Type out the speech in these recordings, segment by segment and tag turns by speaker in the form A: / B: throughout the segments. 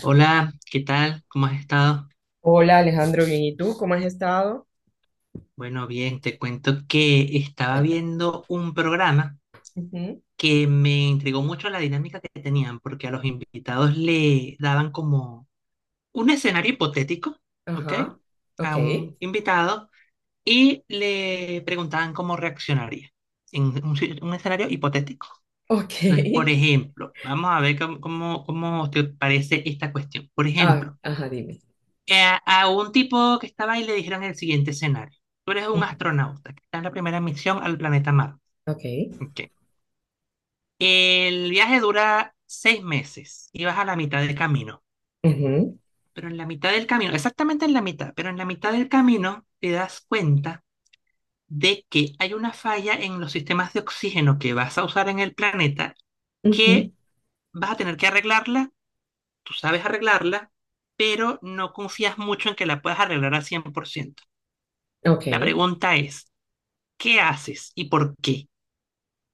A: Hola, ¿qué tal? ¿Cómo has estado?
B: Hola Alejandro, bien. ¿Y tú? ¿Cómo has estado?
A: Bueno, bien, te cuento que estaba
B: Cuenta.
A: viendo un programa
B: Ujú.
A: que me intrigó mucho la dinámica que tenían, porque a los invitados le daban como un escenario hipotético, ¿ok?
B: Ajá.
A: A
B: Ok.
A: un invitado y le preguntaban cómo reaccionaría en un, un escenario hipotético.
B: Ok.
A: Entonces, por ejemplo, vamos a ver cómo te parece esta cuestión. Por
B: Ah,
A: ejemplo,
B: ajá, dime.
A: a un tipo que estaba ahí le dijeron el siguiente escenario. Tú eres un
B: Ujú.
A: astronauta que está en la primera misión al planeta Marte.
B: Ok.
A: Ok. El viaje dura 6 meses y vas a la mitad del camino.
B: Ujú,
A: Pero en la mitad del camino, exactamente en la mitad, pero en la mitad del camino te das cuenta de que hay una falla en los sistemas de oxígeno que vas a usar en el planeta
B: ujú.
A: que vas a tener que arreglarla, tú sabes arreglarla, pero no confías mucho en que la puedas arreglar al 100%. La
B: Ok.
A: pregunta es, ¿qué haces y por qué?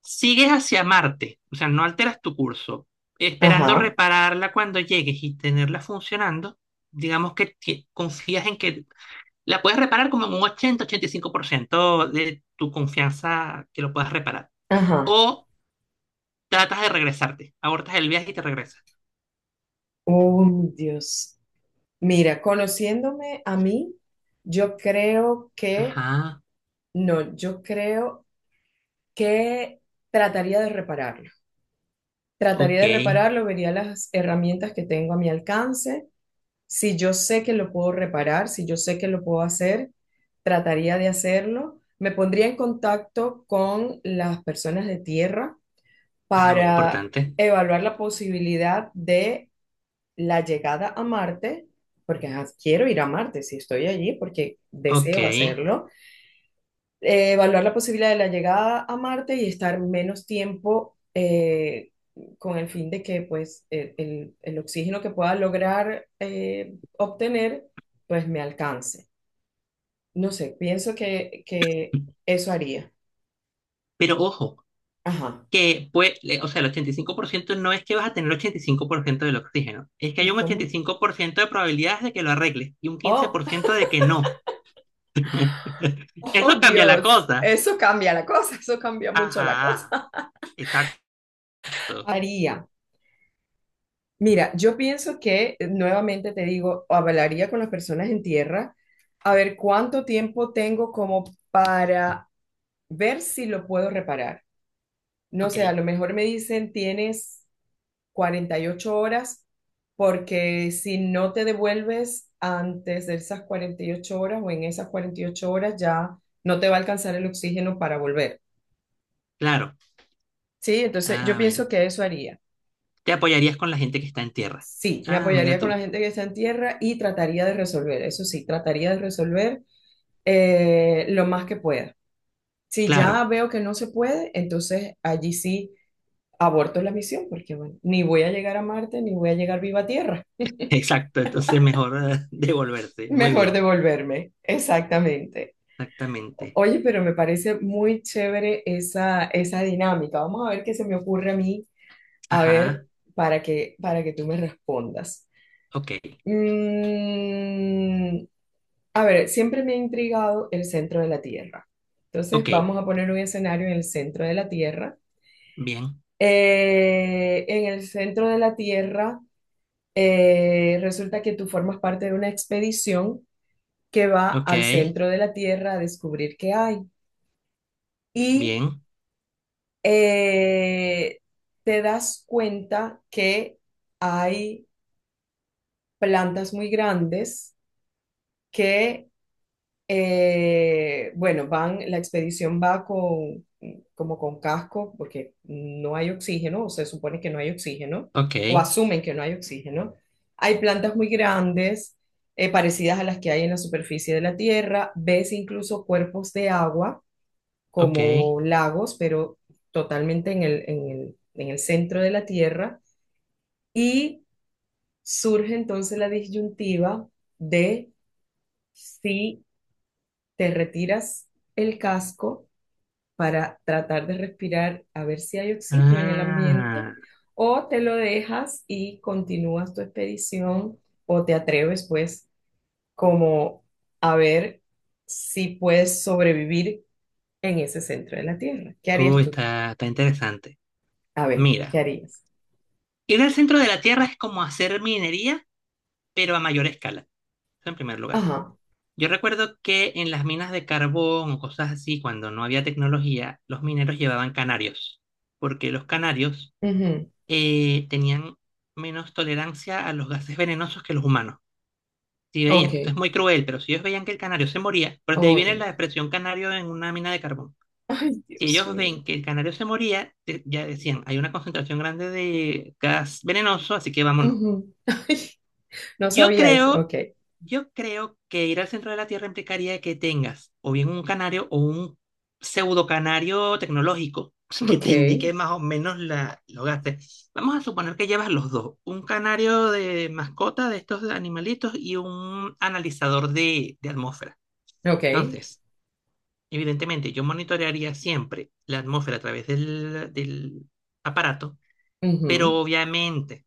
A: Sigues hacia Marte, o sea, no alteras tu curso, esperando
B: Ajá.
A: repararla cuando llegues y tenerla funcionando. Digamos que confías en que la puedes reparar como en un 80-85% de tu confianza que lo puedas reparar.
B: Ajá.
A: O tratas de regresarte, abortas el viaje y te regresas.
B: Oh, Dios. Mira, conociéndome a mí, yo creo que,
A: Ajá,
B: no, yo creo que trataría de repararlo. Trataría
A: ok.
B: de repararlo, vería las herramientas que tengo a mi alcance. Si yo sé que lo puedo reparar, si yo sé que lo puedo hacer, trataría de hacerlo. Me pondría en contacto con las personas de tierra
A: Ah, muy
B: para
A: importante.
B: evaluar la posibilidad de la llegada a Marte, porque ajá, quiero ir a Marte si estoy allí, porque
A: Ok.
B: deseo hacerlo. Evaluar la posibilidad de la llegada a Marte y estar menos tiempo, con el fin de que pues el oxígeno que pueda lograr obtener pues me alcance. No sé, pienso que eso haría.
A: Pero ojo,
B: Ajá.
A: que pues, o sea, el 85% no es que vas a tener el 85% del oxígeno, es que hay
B: ¿Y
A: un ochenta y
B: cómo?
A: cinco por ciento de probabilidades de que lo arregles y un quince
B: Oh,
A: por ciento de que no.
B: oh
A: Eso cambia la
B: Dios,
A: cosa.
B: eso cambia la cosa, eso cambia mucho la
A: Ajá,
B: cosa.
A: exacto.
B: Haría. Mira, yo pienso que nuevamente te digo, hablaría con las personas en tierra a ver cuánto tiempo tengo como para ver si lo puedo reparar. No
A: Ok,
B: sé, a lo mejor me dicen tienes 48 horas, porque si no te devuelves antes de esas 48 horas o en esas 48 horas ya no te va a alcanzar el oxígeno para volver.
A: claro.
B: Sí, entonces yo
A: A
B: pienso
A: ver,
B: que eso haría.
A: te apoyarías con la gente que está en tierra.
B: Sí, me
A: Ah, mira
B: apoyaría con la
A: tú.
B: gente que está en tierra y trataría de resolver, eso sí, trataría de resolver lo más que pueda. Si
A: Claro,
B: ya veo que no se puede, entonces allí sí aborto la misión, porque bueno, ni voy a llegar a Marte, ni voy a llegar viva a tierra.
A: exacto. Entonces mejor devolverse. Muy
B: Mejor
A: bien,
B: devolverme, exactamente.
A: exactamente.
B: Oye, pero me parece muy chévere esa, esa dinámica. Vamos a ver qué se me ocurre a mí, a ver,
A: Ajá,
B: para que tú me respondas.
A: ok,
B: Mm, A ver, siempre me ha intrigado el centro de la Tierra. Entonces,
A: ok,
B: vamos a poner un escenario en el centro de la Tierra.
A: bien,
B: En el centro de la Tierra, resulta que tú formas parte de una expedición que va
A: ok,
B: al centro de la Tierra a descubrir qué hay. Y
A: bien,
B: eh, te das cuenta que hay plantas muy grandes que. Bueno, la expedición va con, como con casco, porque no hay oxígeno, o se supone que no hay oxígeno,
A: ok,
B: o asumen que no hay oxígeno. Hay plantas muy grandes, parecidas a las que hay en la superficie de la Tierra. Ves incluso cuerpos de agua,
A: ok.
B: como lagos, pero totalmente en el centro de la Tierra. Y surge entonces la disyuntiva de si te retiras el casco para tratar de respirar a ver si hay oxígeno en el ambiente,
A: Ah,
B: o te lo dejas y continúas tu expedición, o te atreves pues como a ver si puedes sobrevivir en ese centro de la Tierra. ¿Qué harías tú?
A: está interesante.
B: A ver, ¿qué
A: Mira,
B: harías?
A: ir al centro de la Tierra es como hacer minería, pero a mayor escala. Eso en primer lugar.
B: Ajá.
A: Yo recuerdo que en las minas de carbón o cosas así, cuando no había tecnología, los mineros llevaban canarios, porque los canarios
B: Ujú.
A: tenían menos tolerancia a los gases venenosos que los humanos. Si veían, esto
B: Ok.
A: es muy cruel, pero si ellos veían que el canario se moría, pues de ahí
B: Oh,
A: viene
B: Dios.
A: la expresión canario en una mina de carbón.
B: Ay,
A: Si
B: Dios
A: ellos
B: mío.
A: ven que el canario se moría, de- ya decían, hay una concentración grande de gas venenoso, así que vámonos.
B: Ujú. Ay, no
A: Yo
B: sabía eso.
A: creo,
B: Ok.
A: yo creo que ir al centro de la Tierra implicaría que tengas o bien un canario o un pseudo canario tecnológico que te
B: Ok.
A: indique más o menos la, los gastos. Vamos a suponer que llevas los dos, un canario de mascota de estos animalitos y un analizador de atmósfera.
B: Ok.
A: Entonces, evidentemente, yo monitorearía siempre la atmósfera a través del aparato, pero
B: Ujú.
A: obviamente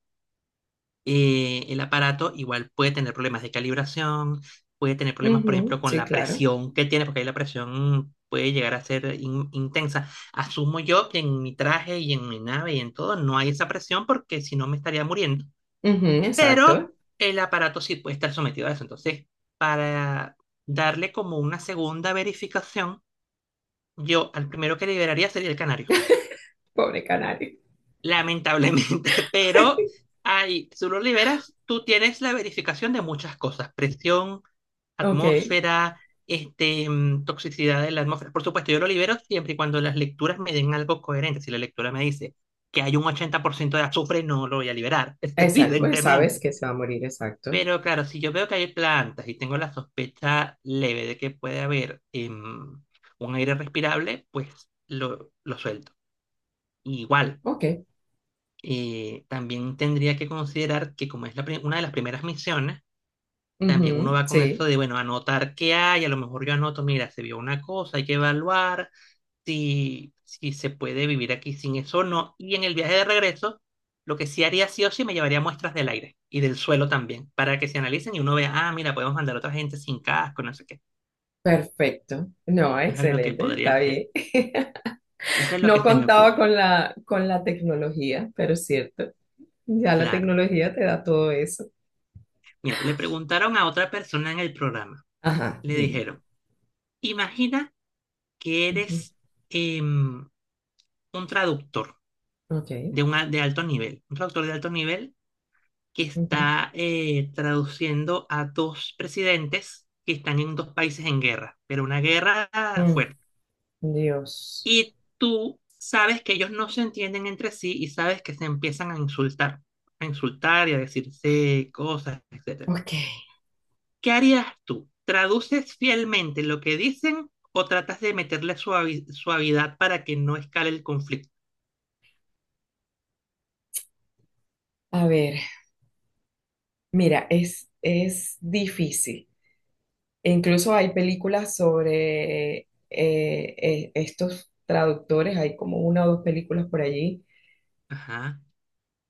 A: el aparato igual puede tener problemas de calibración, puede tener problemas, por
B: Ujú,
A: ejemplo, con
B: sí,
A: la
B: claro.
A: presión que tiene, porque ahí la presión puede llegar a ser intensa. Asumo yo que en mi traje y en mi nave y en todo no hay esa presión porque si no me estaría muriendo,
B: Ujú.
A: pero
B: Exacto.
A: el aparato sí puede estar sometido a eso. Entonces, para darle como una segunda verificación, yo al primero que liberaría sería el canario,
B: Pobre canario.
A: lamentablemente, pero ahí tú lo liberas, tú tienes la verificación de muchas cosas, presión,
B: Ok,
A: atmósfera, este, mm, toxicidad de la atmósfera. Por supuesto, yo lo libero siempre y cuando las lecturas me den algo coherente. Si la lectura me dice que hay un 80% de azufre, no lo voy a liberar,
B: exacto. Bueno, sabes
A: evidentemente.
B: que se va a morir, exacto.
A: Pero claro, si yo veo que hay plantas y tengo la sospecha leve de que puede haber un aire respirable, pues lo suelto. Igual,
B: Ok.
A: también tendría que considerar que como es la una de las primeras misiones, también uno
B: Ujú,
A: va con esto
B: sí,
A: de, bueno, anotar qué hay, a lo mejor yo anoto, mira, se vio una cosa, hay que evaluar si se puede vivir aquí sin eso o no. Y en el viaje de regreso, lo que sí haría sí o sí, me llevaría muestras del aire y del suelo también, para que se analicen y uno vea, ah, mira, podemos mandar a otra gente sin casco, no sé qué.
B: perfecto. No,
A: Eso es lo que
B: excelente,
A: podría
B: está
A: hacer.
B: bien.
A: Eso es lo
B: No
A: que se me
B: contaba
A: ocurre.
B: con la tecnología, pero es cierto. Ya la
A: Claro.
B: tecnología te da todo eso.
A: Mira, le preguntaron a otra persona en el programa.
B: Ajá,
A: Le
B: dime.
A: dijeron, imagina que
B: Ujú.
A: eres em, un traductor
B: Ok.
A: de, un de alto nivel, un traductor de alto nivel que
B: Ujú.
A: está traduciendo a dos presidentes que están en dos países en guerra, pero una guerra
B: Mm.
A: fuerte.
B: Dios.
A: Y tú sabes que ellos no se entienden entre sí y sabes que se empiezan a insultar y a decirse cosas, etcétera.
B: Ok,
A: ¿Qué harías tú? ¿Traduces fielmente lo que dicen o tratas de meterle suavidad para que no escale el conflicto?
B: a ver, mira, es difícil. E incluso hay películas sobre estos traductores, hay como una o dos películas por allí.
A: Ajá.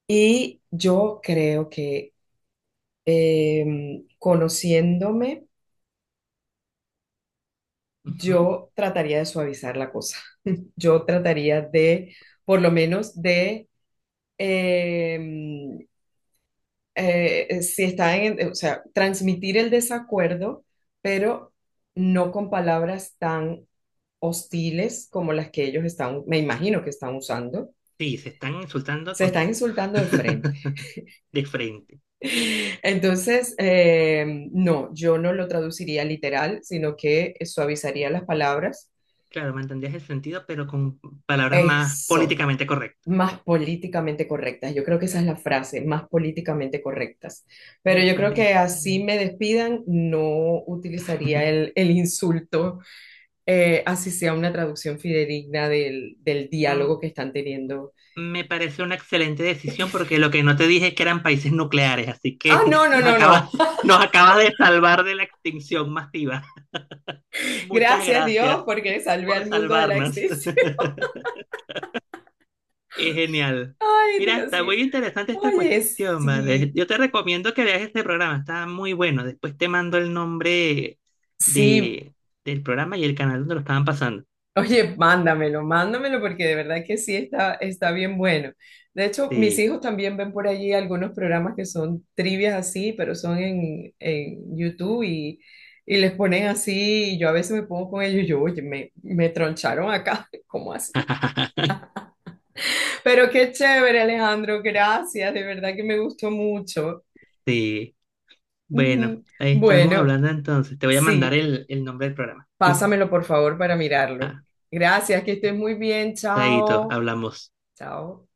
B: Y yo creo que conociéndome,
A: Ujú.
B: yo trataría de suavizar la cosa. Yo trataría de, por lo menos, de, em, si está en, o sea, transmitir el desacuerdo, pero no con palabras tan hostiles como las que ellos están, me imagino que están usando,
A: Sí, se están insultando
B: se
A: con
B: están
A: todo.
B: insultando de frente.
A: De frente.
B: Entonces, no, yo no lo traduciría literal, sino que suavizaría las palabras.
A: Claro, mantendrías el sentido, pero con palabras más
B: Eso,
A: políticamente correctas.
B: más políticamente correctas. Yo creo que esa es la frase, más políticamente correctas. Pero
A: Me
B: yo creo que
A: parece.
B: así me despidan, no utilizaría el insulto, así sea una traducción fidedigna del, del
A: Mm,
B: diálogo que están teniendo.
A: me parece una excelente decisión porque lo que no te dije es que eran países nucleares, así
B: Ah,
A: que
B: no, no,
A: nos
B: no,
A: acabas,
B: no.
A: nos acabas de salvar de la extinción masiva. Muchas
B: Gracias Dios
A: gracias
B: porque salvé
A: por
B: al mundo de la
A: salvarnos.
B: extinción.
A: Es genial.
B: Ay,
A: Mira,
B: Dios
A: está
B: mío.
A: muy interesante esta
B: Oye,
A: cuestión, ¿vale?
B: sí,
A: Yo te recomiendo que veas este programa, está muy bueno. Después te mando el nombre
B: sí.
A: de, del programa y el canal donde lo estaban pasando.
B: Oye, mándamelo, mándamelo porque de verdad que sí está, está bien bueno. De hecho, mis
A: Sí,
B: hijos también ven por allí algunos programas que son trivias así, pero son en YouTube, y les ponen así y yo a veces me pongo con ellos y yo, oye, me troncharon acá, ¿cómo así? Pero qué chévere, Alejandro, gracias, de verdad que me gustó mucho.
A: sí. Bueno,
B: Mm.
A: ahí estamos
B: Bueno.
A: hablando entonces. Te voy a mandar
B: Sí,
A: el nombre del programa.
B: pásamelo por favor para mirarlo.
A: Ah,
B: Gracias, que estés muy bien.
A: chaito,
B: Chao.
A: hablamos.
B: Chao.